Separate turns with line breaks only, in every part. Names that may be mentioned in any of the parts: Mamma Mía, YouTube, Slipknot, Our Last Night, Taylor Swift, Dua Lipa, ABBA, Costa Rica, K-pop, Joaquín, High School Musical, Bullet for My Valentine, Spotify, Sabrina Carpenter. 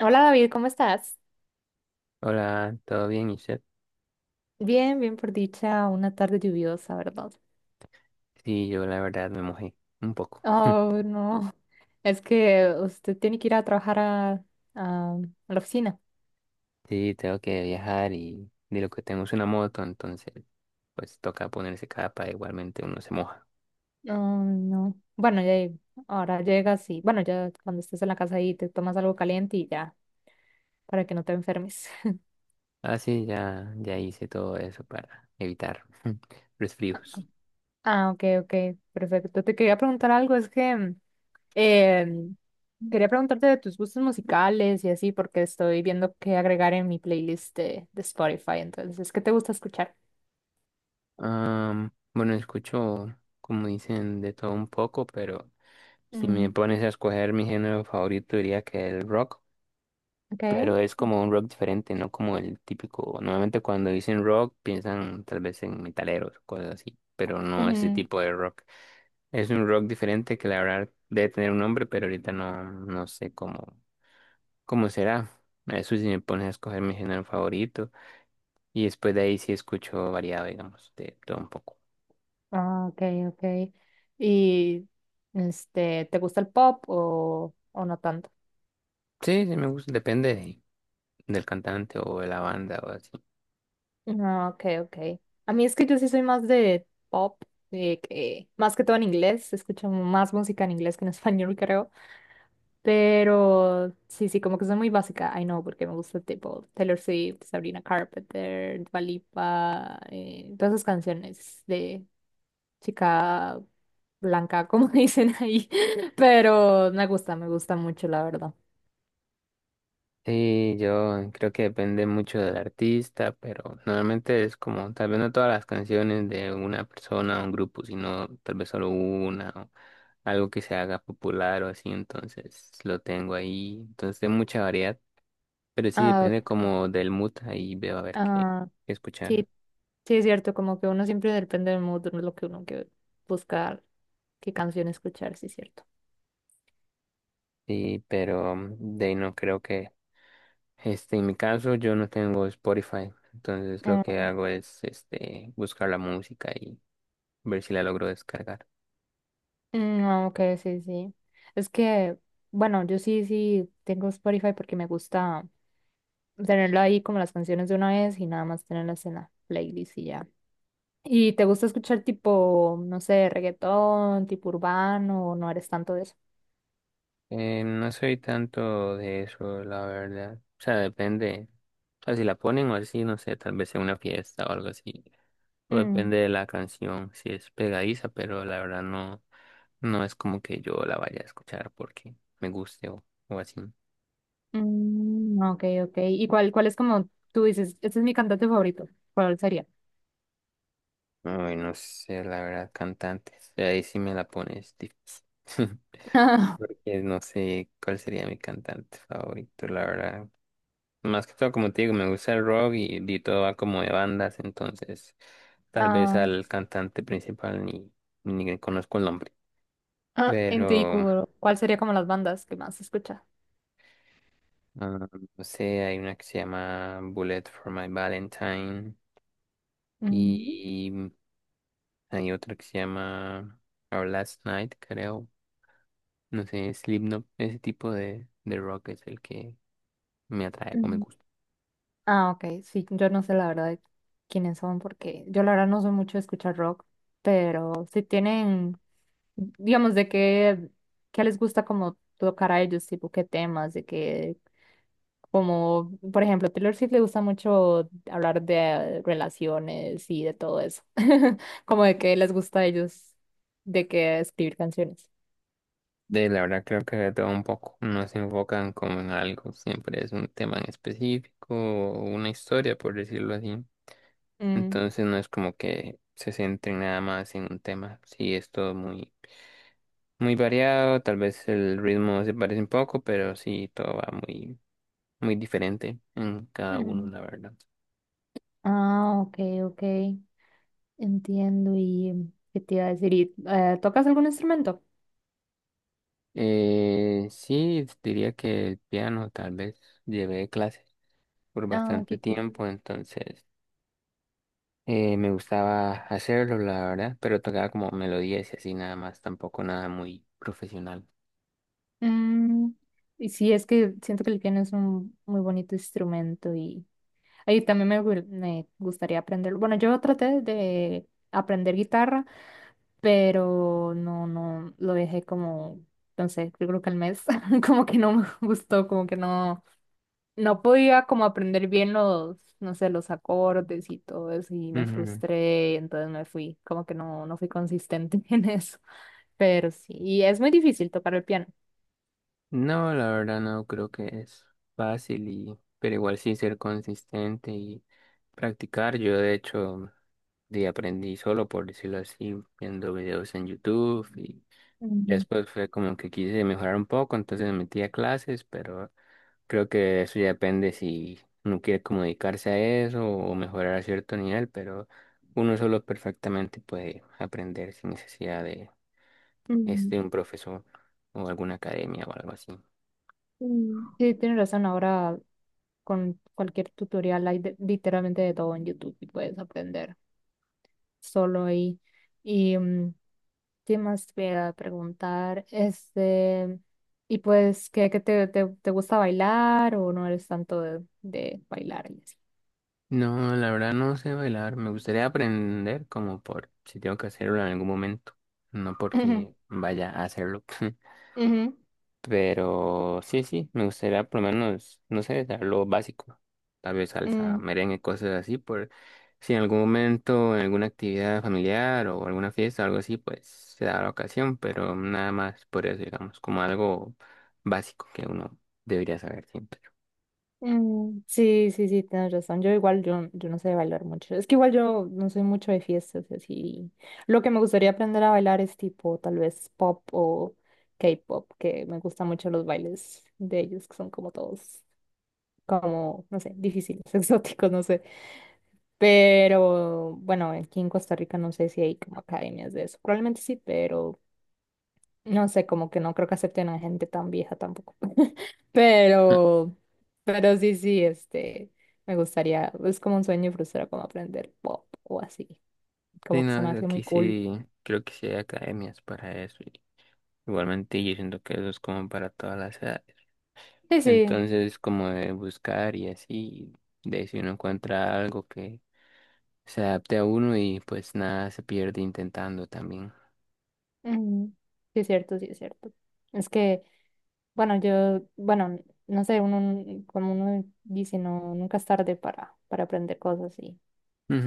Hola David, ¿cómo estás?
Hola, ¿todo bien, Isaac?
Bien, bien por dicha, una tarde lluviosa, ¿verdad?
Sí, yo la verdad me mojé un poco.
Oh, no. Es que usted tiene que ir a trabajar a la oficina.
Sí, tengo que viajar y de lo que tengo es una moto, entonces pues toca ponerse capa, igualmente uno se moja.
Oh, no. Bueno, ya ahora llegas y, bueno, ya cuando estés en la casa ahí te tomas algo caliente y ya, para que no te enfermes.
Ah, sí, ya, ya hice todo eso para evitar resfríos.
Ah, ok, ok, perfecto. Te quería preguntar algo, es que em, quería preguntarte de tus gustos musicales y así, porque estoy viendo qué agregar en mi playlist de Spotify. Entonces, ¿qué te gusta escuchar?
Bueno, escucho, como dicen, de todo un poco, pero si me
Mm,
pones a escoger mi género favorito diría que el rock.
okay.
Pero es como un rock diferente, no como el típico. Normalmente cuando dicen rock piensan tal vez en metaleros cosas así, pero no ese
Ujú.
tipo de rock. Es un rock diferente que la verdad debe tener un nombre, pero ahorita no, no sé cómo, cómo será. Eso si me pones a escoger mi género favorito y después de ahí sí escucho variado, digamos, de todo un poco.
Ah, okay, okay. Y este, ¿te gusta el pop o no tanto?
Sí, sí me gusta, depende del cantante o de la banda o así.
Ah, okay, okay. A mí es que yo sí soy más de pop, más que todo en inglés, escucho más música en inglés que en español, creo. Pero sí, sí, como que soy muy básica, I know, porque me gusta tipo Taylor Swift, Sabrina Carpenter, Dua Lipa, todas esas canciones de chica blanca, como dicen ahí, pero me gusta mucho, la verdad.
Sí, yo creo que depende mucho del artista, pero normalmente es como, tal vez no todas las canciones de una persona o un grupo, sino tal vez solo una o algo que se haga popular o así, entonces lo tengo ahí. Entonces hay mucha variedad, pero sí
Ah,
depende como del mood, ahí veo a ver qué,
ah,
qué escuchar.
sí, sí es cierto, como que uno siempre depende del mood, de lo que uno que buscar, qué canción escuchar, sí es cierto.
Sí, pero de ahí no creo que, este, en mi caso yo no tengo Spotify, entonces lo que
Mm,
hago es, este, buscar la música y ver si la logro descargar.
mm, ah, ok, sí, sí. Es que, bueno, yo sí, sí tengo Spotify porque me gusta tenerlo ahí como las canciones de una vez y nada más tenerlas en la playlist y ya. ¿Y te gusta escuchar tipo, no sé, reggaetón, tipo urbano o no eres tanto de eso?
No soy tanto de eso, la verdad. O sea, depende. O sea, si la ponen o así, no sé, tal vez en una fiesta o algo así. O
Mm,
depende de la canción, si es pegadiza, pero la verdad no, no es como que yo la vaya a escuchar porque me guste o así.
mm, ok, ok. ¿Y cuál, cuál es como tú dices, este es mi cantante favorito? ¿Cuál sería?
Ay, no sé, la verdad, cantantes. Ahí sí me la pones difícil. Porque no sé cuál sería mi cantante favorito, la verdad. Más que todo, como te digo, me gusta el rock y todo va como de bandas, entonces tal vez
Ah,
al cantante principal ni le conozco el nombre.
ah, en tu
Pero,
IQ, ¿cuál sería como las bandas que más escucha?
ah, no sé, hay una que se llama Bullet for My Valentine
Mm,
y hay otra que se llama Our Last Night, creo. No sé, Slipknot, ese tipo de rock es el que me atrae o me
mm.
gusta.
Ah, ok, sí, yo no sé la verdad de quiénes son porque yo la verdad no soy mucho de escuchar rock, pero si tienen, digamos, de qué, qué les gusta como tocar a ellos, tipo qué temas, de qué. Como, por ejemplo, Taylor Swift le gusta mucho hablar de relaciones y de todo eso. Como de que les gusta a ellos, de que escribir canciones.
De la verdad creo que de todo un poco, no se enfocan como en algo, siempre es un tema en específico o una historia, por decirlo así.
Mm.
Entonces no es como que se centren nada más en un tema. Sí, es todo muy, muy variado, tal vez el ritmo se parece un poco, pero sí, todo va muy, muy diferente en cada uno,
Mm.
la verdad.
Ah, ok, ok. Entiendo. ¿Y qué te iba a decir? ¿Y, tocas algún instrumento?
Sí, diría que el piano tal vez llevé clases por
Ah,
bastante
qué cool.
tiempo, entonces... me gustaba hacerlo, la verdad, pero tocaba como melodías y así nada más, tampoco nada muy profesional.
Mm, y sí, es que siento que el piano es un muy bonito instrumento y ahí también me, me gustaría aprender. Bueno, yo traté de aprender guitarra, pero no, no, lo dejé como, entonces, yo creo que al mes, como que no me gustó, como que no, no podía como aprender bien los, no sé, los acordes y todo eso, y me
Ujú.
frustré, entonces me fui, como que no, no fui consistente en eso. Pero sí, y es muy difícil tocar el piano.
No, la verdad no creo que es fácil y, pero igual sí ser consistente y practicar. Yo de hecho de aprendí solo, por decirlo así, viendo videos en YouTube y ya
Mm,
después fue como que quise mejorar un poco, entonces me metí a clases, pero creo que eso ya depende si uno quiere como dedicarse a eso o mejorar a cierto nivel, pero uno solo perfectamente puede aprender sin necesidad de,
mm,
este, un profesor o alguna academia o algo así.
mm. Sí, tienes razón, ahora con cualquier tutorial hay literalmente de todo en YouTube y puedes aprender solo ahí. Y mm, qué más te voy a preguntar, este, y pues, ¿qué, qué te, te, te gusta bailar o no eres tanto de bailar y así?
No, la verdad no sé bailar. Me gustaría aprender como por si tengo que hacerlo en algún momento, no
Ujú,
porque vaya a hacerlo.
ujú,
Pero sí, sí, me gustaría por lo menos, no sé, dar lo básico. Tal vez salsa,
mm.
merengue, cosas así, por si en algún momento, en alguna actividad familiar o alguna fiesta o algo así, pues se da la ocasión, pero nada más por eso, digamos, como algo básico que uno debería saber siempre.
Mm, sí, sí, sí, tienes razón. Yo igual, yo no sé bailar mucho. Es que igual yo no soy mucho de fiestas y así. Lo que me gustaría aprender a bailar es tipo tal vez pop o K-pop, que me gustan mucho los bailes de ellos, que son como todos, como, no sé, difíciles, exóticos, no sé. Pero bueno, aquí en Costa Rica no sé si hay como academias de eso. Probablemente sí, pero no sé, como que no creo que acepten a gente tan vieja tampoco.
Mm.
Pero, pero sí, sí, este, me gustaría, es como un sueño frustrado como aprender pop o así,
Sí,
como que se me
no,
hace muy
aquí
cool.
sí, creo que sí hay academias para eso. Y igualmente yo siento que eso es como para todas las edades.
Sí, sí,
Entonces, como de buscar y así, de si uno encuentra algo que se adapte a uno y pues nada se pierde intentando también.
ujú, sí es cierto, sí es cierto. Es que, bueno, yo, bueno, no sé, uno, como uno dice, no, nunca es tarde para aprender cosas y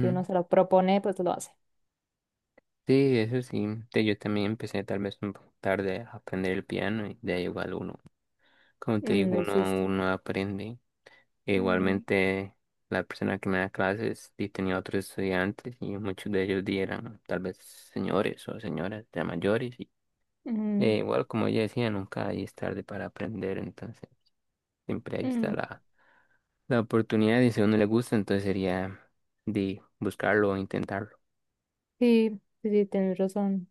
si uno se lo propone, pues lo hace.
Sí, eso sí. Te- Yo también empecé tal vez un poco tarde a aprender el piano y de ahí igual uno, como te
Ujú,
digo,
lo hiciste.
uno aprende. E
Ujú,
igualmente la persona que me da clases y tenía otros estudiantes y muchos de ellos di eran tal vez señores o señoras ya mayores y e
ujú,
igual como ella decía, nunca ahí es tarde para aprender, entonces siempre ahí está
ujú.
la oportunidad y si a uno le gusta, entonces sería de buscarlo o intentarlo.
Sí, sí, sí, tienes razón.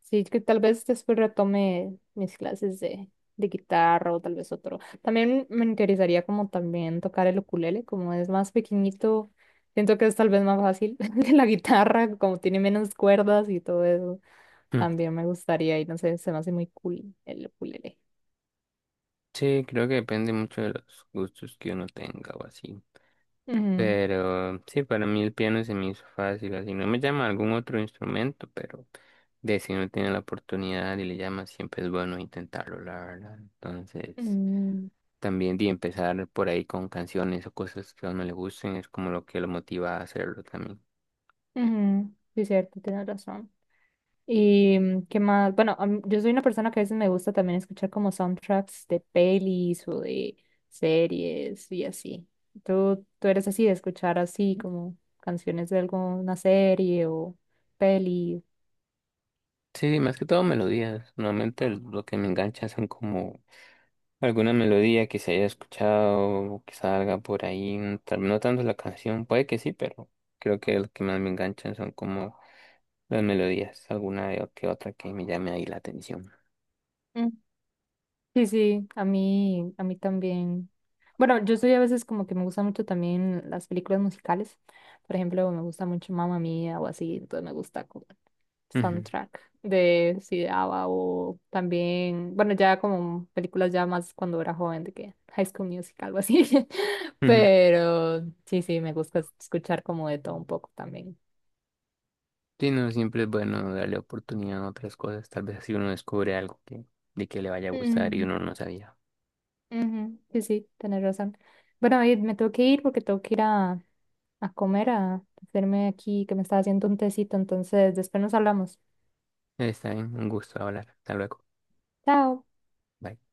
Sí, que tal vez después retome mis clases de guitarra o tal vez otro. También me interesaría como también tocar el ukulele, como es más pequeñito, siento que es tal vez más fácil que la guitarra, como tiene menos cuerdas y todo eso.
Mm.
También me gustaría y no sé, se me hace muy cool el ukulele.
Sí, creo que depende mucho de los gustos que uno tenga o así.
Ujú,
Pero sí, para mí el piano se me hizo fácil, así no me llama algún otro instrumento, pero de si uno tiene la oportunidad y le llama, siempre es bueno intentarlo, la verdad. Entonces,
ujú,
también de empezar por ahí con canciones o cosas que a uno le gusten, es como lo que lo motiva a hacerlo también.
ujú. Sí, cierto, tienes razón. Y mm, qué más, bueno, a yo soy una persona que a veces me gusta también escuchar como soundtracks de pelis o de series y así. ¿Tú, tú eres así de escuchar así como canciones de alguna serie o peli?
Sí, más que todo melodías. Normalmente lo que me engancha son como alguna melodía que se haya escuchado o que salga por ahí, no tan no tanto la canción, puede que sí, pero creo que lo que más me enganchan son como las melodías, alguna de- que otra que me llame ahí la atención.
Mm, sí, sí, a mí también. Bueno, yo soy a veces como que me gusta mucho también las películas musicales. Por ejemplo, me gusta mucho Mamma Mía o así, entonces me gusta como
Ujú,
soundtrack de sí, de ABBA o también, bueno, ya como películas ya más cuando era joven de que High School Musical, algo así.
ujú.
Pero sí, sí, me gusta escuchar como de todo un poco también.
Sí, no, siempre es bueno darle oportunidad a otras cosas, tal vez así uno descubre algo que, de que le vaya a gustar y
Mm,
uno no sabía.
ujú, sí, sí, tenés razón. Bueno, David, me tengo que ir porque tengo que ir a comer, a hacerme aquí que me está haciendo un tecito, entonces después nos hablamos.
Está bien, un gusto hablar, hasta luego.
Chao.
Bye.